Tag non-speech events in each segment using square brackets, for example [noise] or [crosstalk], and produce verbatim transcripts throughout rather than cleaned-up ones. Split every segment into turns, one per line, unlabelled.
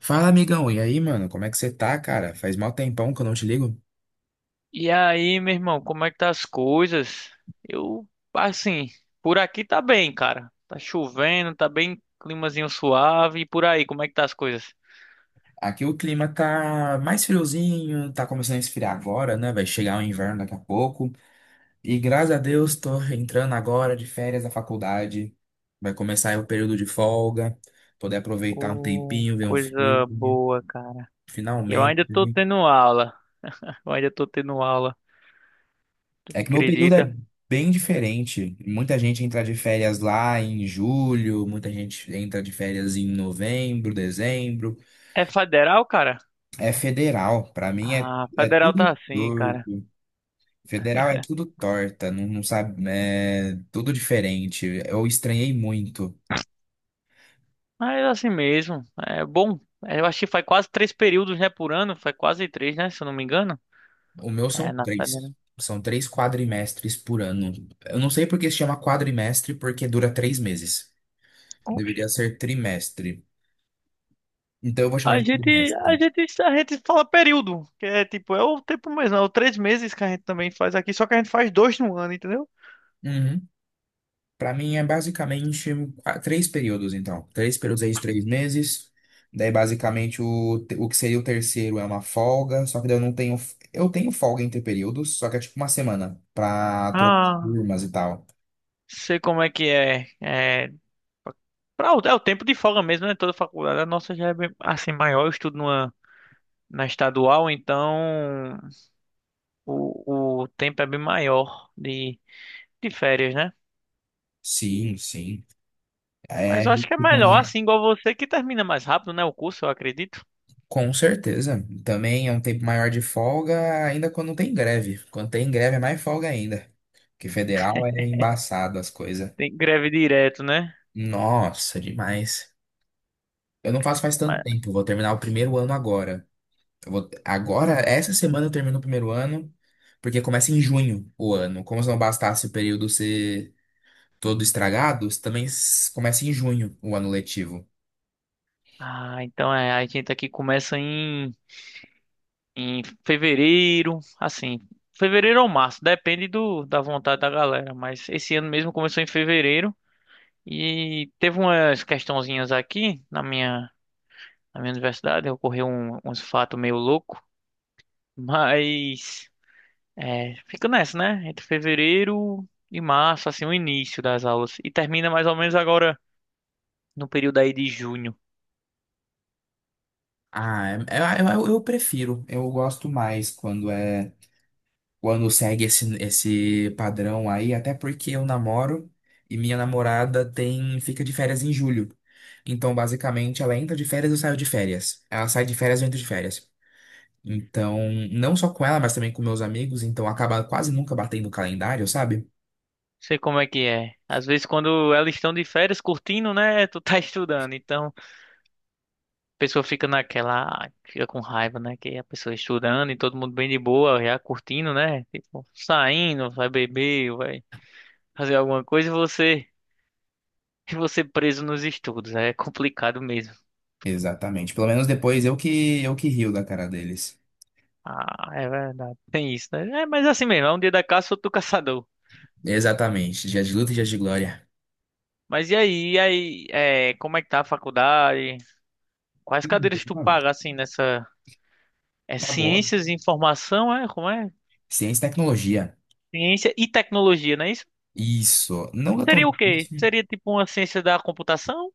Fala, amigão. E aí, mano? Como é que você tá, cara? Faz mal tempão que eu não te ligo.
E aí, meu irmão, como é que tá as coisas? Eu, assim, por aqui tá bem, cara. Tá chovendo, tá bem climazinho suave. E por aí, como é que tá as coisas?
Aqui o clima tá mais friozinho, tá começando a esfriar agora, né? Vai chegar o inverno daqui a pouco. E graças a Deus tô entrando agora de férias da faculdade. Vai começar aí o período de folga, poder aproveitar um
Ô,
tempinho, ver um
coisa
filme,
boa, cara. Eu
finalmente.
ainda tô
Né?
tendo aula. Eu ainda tô tendo aula. Tu
É que meu período
acredita?
é bem diferente. Muita gente entra de férias lá em julho, muita gente entra de férias em novembro, dezembro.
É federal, cara?
É federal, pra mim é,
Ah,
é
federal tá
tudo
assim, cara.
torto. Federal é tudo torta, não, não sabe, é tudo diferente. Eu estranhei muito.
Mas é assim mesmo. É bom. Eu acho que faz quase três períodos, né, por ano. Faz quase três, né, se eu não me engano.
O meu são
É, na
três.
federal.
São três quadrimestres por ano. Eu não sei por que se chama quadrimestre, porque dura três meses. Deveria ser trimestre. Então eu vou chamar
A
de
gente, a
trimestre.
gente, a gente fala período, que é tipo, é o tempo mesmo, é o três meses que a gente também faz aqui, só que a gente faz dois no ano, entendeu?
Uhum. Para mim é basicamente qua- três períodos, então. Três períodos aí de três meses. Daí, basicamente, o, te- o que seria o terceiro é uma folga. Só que daí eu não tenho. f- Eu tenho folga entre períodos, só que é tipo uma semana pra trocar
Ah,
turmas e tal.
sei como é que é. É, pra, o- é o tempo de folga mesmo, né? Toda faculdade. A nossa já é bem, assim, maior, eu estudo numa, na estadual, então o, o tempo é bem maior de, de férias, né?
Sim, sim.
Mas
É,
eu acho que é melhor, assim, igual você, que termina mais rápido, né? O curso, eu acredito.
com certeza. Também é um tempo maior de folga, ainda quando não tem greve. Quando tem greve é mais folga ainda. Porque federal é embaçado as coisas.
Tem greve direto, né?
Nossa, demais. Eu não faço faz tanto
Mas-
tempo. Vou terminar o primeiro ano agora. Eu vou... Agora, essa semana eu termino o primeiro ano, porque começa em junho o ano. Como se não bastasse o período ser todo estragado, também s- começa em junho o ano letivo.
Ah, então é, a gente aqui começa em. em fevereiro, assim, fevereiro ou março, depende do, da vontade da galera, mas esse ano mesmo começou em fevereiro e teve umas questãozinhas aqui na minha, na minha universidade, ocorreu um, uns fatos meio louco, mas é, fica nessa, né? Entre fevereiro e março, assim, o início das aulas e termina mais ou menos agora no período aí de junho. Não.
Ah, é- é- é, eu, eu prefiro. Eu gosto mais quando é quando segue esse, esse padrão aí, até porque eu namoro e minha namorada tem fica de férias em julho. Então, basicamente, ela entra de férias e eu saio de férias. Ela sai de férias e eu entro de férias. Então, não só com ela, mas também com meus amigos, então acaba quase nunca batendo o calendário, sabe?
Sei como é que é. Às vezes quando elas estão de férias curtindo, né? Tu tá [laughs] estudando, então pessoa fica naquela, fica com raiva, né? Que a pessoa estudando e todo mundo bem de boa, já curtindo, né? Tipo, saindo, vai beber, vai fazer alguma coisa e você, e você preso nos estudos. É complicado mesmo.
Exatamente. Pelo menos depois eu que eu que rio da cara deles.
Ah, é verdade. Tem isso, né? É, mas assim mesmo, é um dia da caça, outro do caçador.
Exatamente. Dias de luta e dias de glória.
Mas e aí, e aí, é, como é que tá a faculdade? Quais cadeiras
[laughs]
tu
Mano,
paga, assim, nessa... É
tá boa.
ciências e informação, é? Como é?
Ciência e tecnologia.
Ciência e tecnologia, não é isso?
Isso. Não é tão
Seria o quê?
difícil.
Seria tipo uma ciência da computação?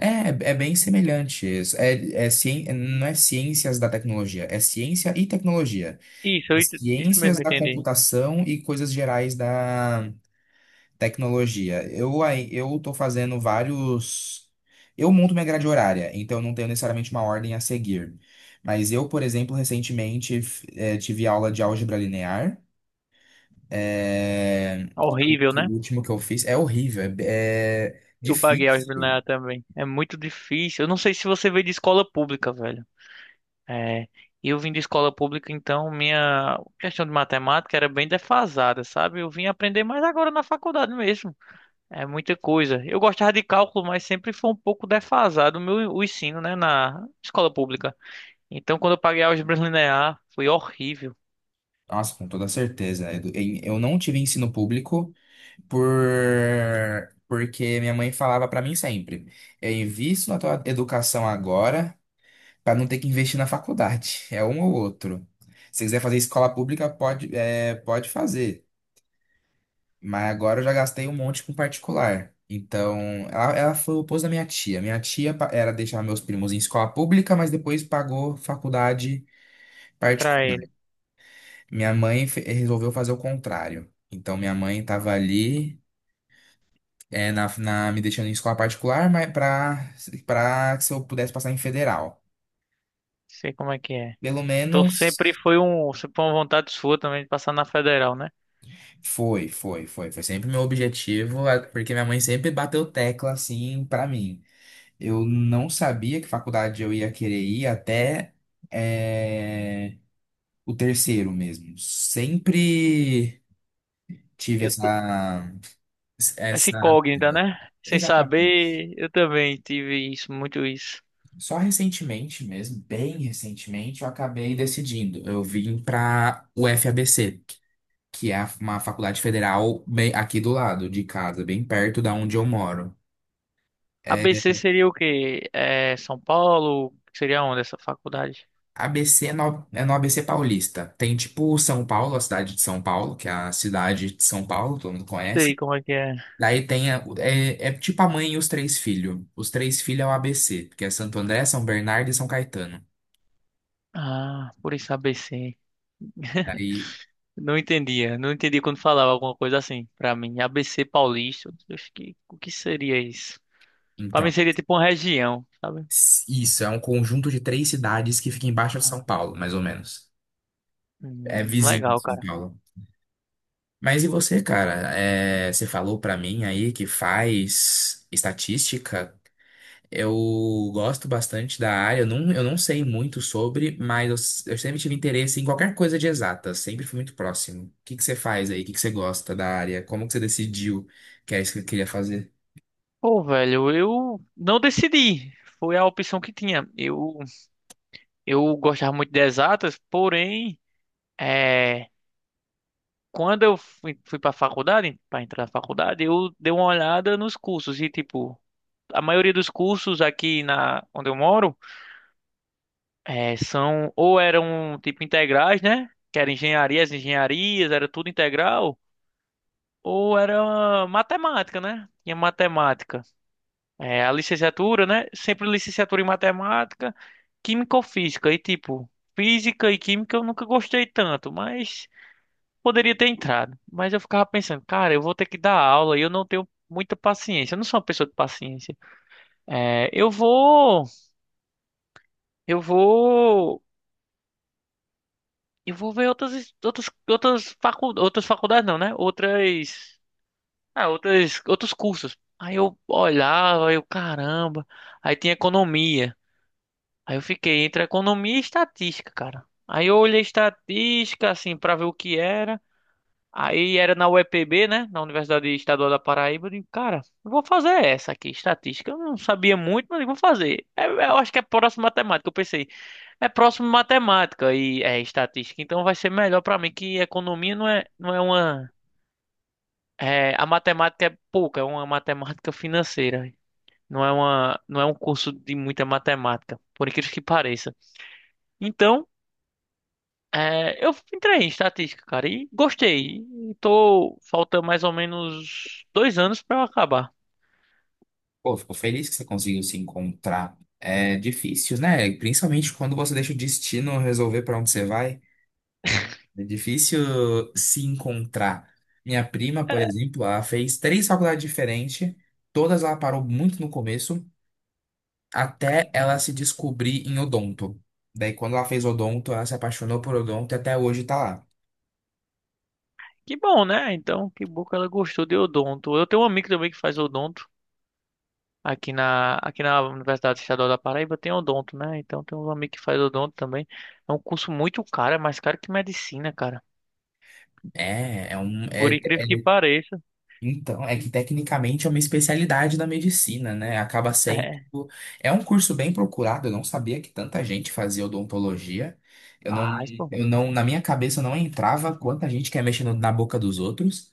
É, é bem semelhante. Isso. É, é, cien- não é ciências da tecnologia, é ciência e tecnologia.
Isso,
É
eu ent- isso mesmo
ciências da
que eu entendi.
computação e coisas gerais da tecnologia. Eu aí, eu tô fazendo vários. Eu monto minha grade horária, então eu não tenho necessariamente uma ordem a seguir. Mas eu, por exemplo, recentemente f- eh, tive aula de álgebra linear. É,
Horrível,
o
né?
último que eu fiz é horrível, é, é
Eu paguei álgebra
difícil.
linear também. É muito difícil. Eu não sei se você veio de escola pública, velho. É, eu vim de escola pública, então minha questão de matemática era bem defasada, sabe? Eu vim aprender mais agora na faculdade mesmo. É muita coisa. Eu gostava de cálculo, mas sempre foi um pouco defasado o meu o ensino, né, na escola pública. Então, quando eu paguei álgebra linear, foi horrível
Nossa, com toda certeza. Edu- em- Eu não tive ensino público por porque minha mãe falava pra mim sempre: eu invisto na tua educação agora. Pra não ter que investir na faculdade. É um ou outro. Se quiser fazer escola pública, pode, é, pode fazer. Mas agora eu já gastei um monte com particular. Então, ela, ela foi o oposto da minha tia. Minha tia pa- era deixar meus primos em escola pública, mas depois pagou faculdade
pra
particular.
ele.
Minha mãe fe- resolveu fazer o contrário. Então, minha mãe estava ali, é, na, na- me deixando em escola particular, mas para para que se eu pudesse passar em federal.
Sei como é que é.
Pelo
Então sempre
menos.
foi um, sempre foi uma vontade sua também de passar na federal, né?
Foi, foi, foi. Foi sempre meu objetivo, a- porque minha mãe sempre bateu tecla assim pra mim. Eu não sabia que faculdade eu ia querer ir até eh, o terceiro mesmo. Sempre tive
Eu, t-
essa,
Essa
essa
incógnita,
dúvida.
né? Sem
Exatamente.
saber, eu também tive isso, muito isso.
Só recentemente mesmo, bem recentemente, eu acabei decidindo. Eu vim para o F A B C, que é uma faculdade federal bem aqui do lado de casa, bem perto da onde eu moro. É,
A B C seria o quê? É, São Paulo? Seria onde essa faculdade?
A B C é no, é no A B C Paulista. Tem tipo São Paulo, a cidade de São Paulo, que é a cidade de São Paulo, todo mundo
Sei
conhece.
como é que é.
Daí tem a- é, é tipo a mãe e os três filhos. Os três filhos é o A B C, que é Santo André, São Bernardo e São Caetano.
Ah, por isso A B C.
Daí,
Não entendia, não entendi quando falava alguma coisa assim pra mim. A B C Paulista, eu acho que o que seria isso? Pra mim
então,
seria tipo uma região, sabe?
s- isso é um conjunto de três cidades que fica embaixo de São
Ah,
Paulo, mais ou menos. É
hum,
vizinho de
legal,
São
cara.
Paulo. Mas e você, cara? É, você falou pra mim aí que faz estatística. Eu gosto bastante da área, eu não, eu não sei muito sobre, mas eu, s- eu sempre tive interesse em qualquer coisa de exata, sempre fui muito próximo. O que que você faz aí? O que que você gosta da área? Como que você decidiu que era isso que eu queria fazer?
Pô, velho, eu não decidi. Foi a opção que tinha. Eu, eu gostava muito de exatas, porém, é, quando eu fui, fui para faculdade, para entrar na faculdade, eu dei uma olhada nos cursos e, tipo, a maioria dos cursos aqui na onde eu moro é, são ou eram, tipo, integrais, né? Que eram engenharias, engenharias, era tudo integral, ou era matemática, né? Tinha matemática. É, a licenciatura, né? Sempre licenciatura em matemática, química ou física. E tipo, física e química eu nunca gostei tanto, mas poderia ter entrado. Mas eu ficava pensando, cara, eu vou ter que dar aula e eu não tenho muita paciência. Eu não sou uma pessoa de paciência. É, eu vou, eu vou, eu vou ver outras, outras, outras facu, outras faculdades não, né? Outras, ah, outras, outros cursos. Aí eu olhava, eu, caramba, aí tinha economia. Aí eu fiquei entre economia e estatística, cara. Aí eu olhei estatística, assim, pra ver o que era. Aí era na U E P B, né? Na Universidade Estadual da Paraíba. Eu digo, cara, eu vou fazer essa aqui, estatística. Eu não sabia muito, mas eu vou fazer. É, eu acho que é próximo matemática. Eu pensei, é próximo matemática e é estatística. Então vai ser melhor pra mim, que economia não é, não é uma. É, a matemática é pouca, é uma matemática financeira. Não é uma, não é um curso de muita matemática, por incrível que pareça. Então. É, eu entrei em estatística, cara, e gostei. E tô, falta mais ou menos dois anos pra eu acabar.
Pô, fico feliz que você conseguiu se encontrar. É difícil, né? Principalmente quando você deixa o destino resolver para onde você vai. É difícil se encontrar. Minha prima, por exemplo, ela fez três faculdades diferentes, todas ela parou muito no começo. Até ela se descobrir em odonto. Daí, quando ela fez odonto, ela se apaixonou por odonto e até hoje tá lá.
Que bom, né? Então, que bom que ela gostou de odonto. Eu tenho um amigo também que faz odonto aqui na, aqui na Universidade Estadual da Paraíba, tem odonto, né? Então, tem um amigo que faz odonto também. É um curso muito caro, é mais caro que medicina, cara.
É, é um. É,
Por
é-
incrível que pareça.
então, é que tecnicamente é uma especialidade da medicina, né? Acaba sendo.
É,
É um curso bem procurado, eu não sabia que tanta gente fazia odontologia. Eu não,
faz, pô.
eu não, na minha cabeça não entrava quanta gente quer mexer no- na boca dos outros.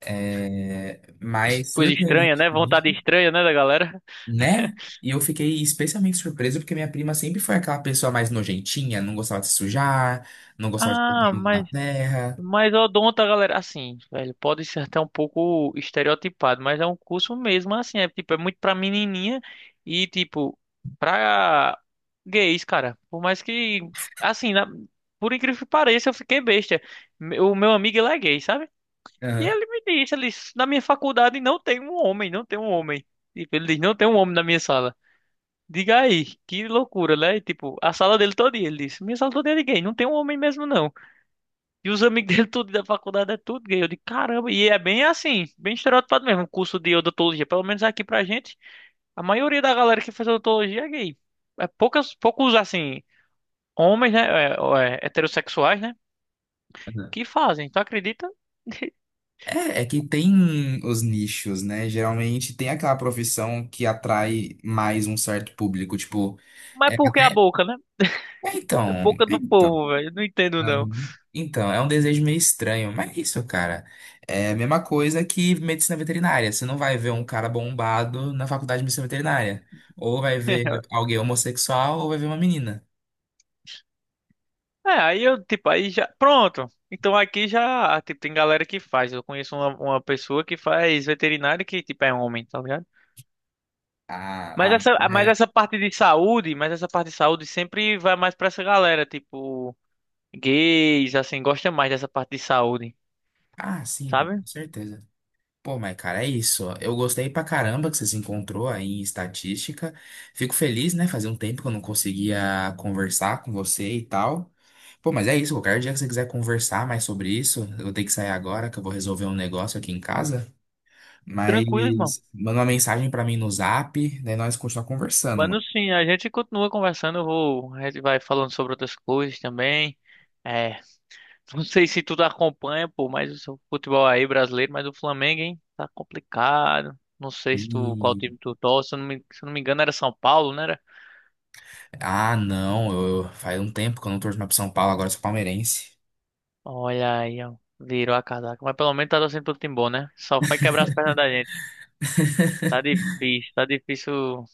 É, mas
Coisa estranha,
surpreendente.
né? Vontade estranha, né, da galera? [laughs]
Né? E eu fiquei especialmente surpreso porque minha prima sempre foi aquela pessoa mais nojentinha, não gostava de se sujar, não gostava de colocar
Ah,
a mão na
mas
terra.
Mas odonto, a galera, assim, velho, pode ser até um pouco estereotipado, mas é um curso mesmo, assim, é tipo, é muito pra menininha e tipo, pra gays, cara. Por mais que, assim, na- por incrível que pareça, eu fiquei besta. Me- O meu amigo, ele é gay, sabe? E
Aham,
ele me disse, ele disse, na minha faculdade não tem um homem, não tem um homem. Tipo, ele diz, não tem um homem na minha sala. Diga aí, que loucura, né? E, tipo, a sala dele todo dia, ele disse, minha sala toda é de gay, não tem um homem mesmo, não. E os amigos dele, tudo da faculdade, é tudo gay. Eu digo, caramba, e é bem assim, bem estereotipado mesmo, o curso de odontologia. Pelo menos aqui pra gente, a maioria da galera que faz odontologia é gay. É poucas, poucos, assim, homens, né, é, é, heterossexuais, né,
aham.
que fazem, tu acredita?
É, é que tem os nichos, né? Geralmente tem aquela profissão que atrai mais um certo público, tipo, é
Mas por que a
até,
boca, né?
é então,
É a
é
boca do
então.
povo, velho, eu não entendo não.
Uhum. Então, é um desejo meio estranho, mas é isso, cara. É a mesma coisa que medicina veterinária. Você não vai ver um cara bombado na faculdade de medicina veterinária. Ou vai ver
[laughs]
alguém homossexual, ou vai ver uma menina.
É, aí eu, tipo, aí já, pronto. Então aqui já, tipo, tem galera que faz. Eu conheço uma, uma pessoa que faz veterinário que, tipo, é homem, tá ligado?
Ah,
Mas
ah,
essa, mas
é-
essa parte de saúde, mas essa parte de saúde sempre vai mais pra essa galera, tipo, gays, assim, gosta mais dessa parte de saúde,
ah, sim, com
sabe?
certeza. Pô, mas cara, é isso. Eu gostei pra caramba que você se encontrou aí em estatística. Fico feliz, né? Fazia um tempo que eu não conseguia conversar com você e tal. Pô, mas é isso. Qualquer dia que você quiser conversar mais sobre isso, eu tenho que sair agora, que eu vou resolver um negócio aqui em casa.
Tranquilo, irmão.
Mas manda uma mensagem pra mim no Zap, daí nós continuar conversando,
Mano,
mano.
sim, a gente continua conversando, eu vou, a gente vai falando sobre outras coisas também. É, [laughs] não sei se tu tá acompanha, pô, mas o futebol aí brasileiro, mas o Flamengo, hein, tá complicado. Não sei se tu, qual
E...
time tu torce, se eu não me, se eu não me engano era São Paulo, né?
ah, não, eu... faz um tempo que eu não torço mais pro São Paulo, agora eu sou palmeirense.
Olha aí, ó. Virou a casaca. Mas pelo menos tá torcendo pro time bom, né? Só foi quebrar as pernas da gente. Tá difícil, tá difícil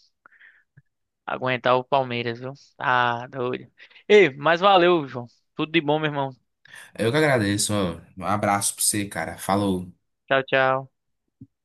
aguentar o Palmeiras, viu? Tá doido. Ei, mas valeu, João. Tudo de bom, meu irmão.
Eu que agradeço. Ó. Um abraço pra você, cara. Falou.
Tchau, tchau.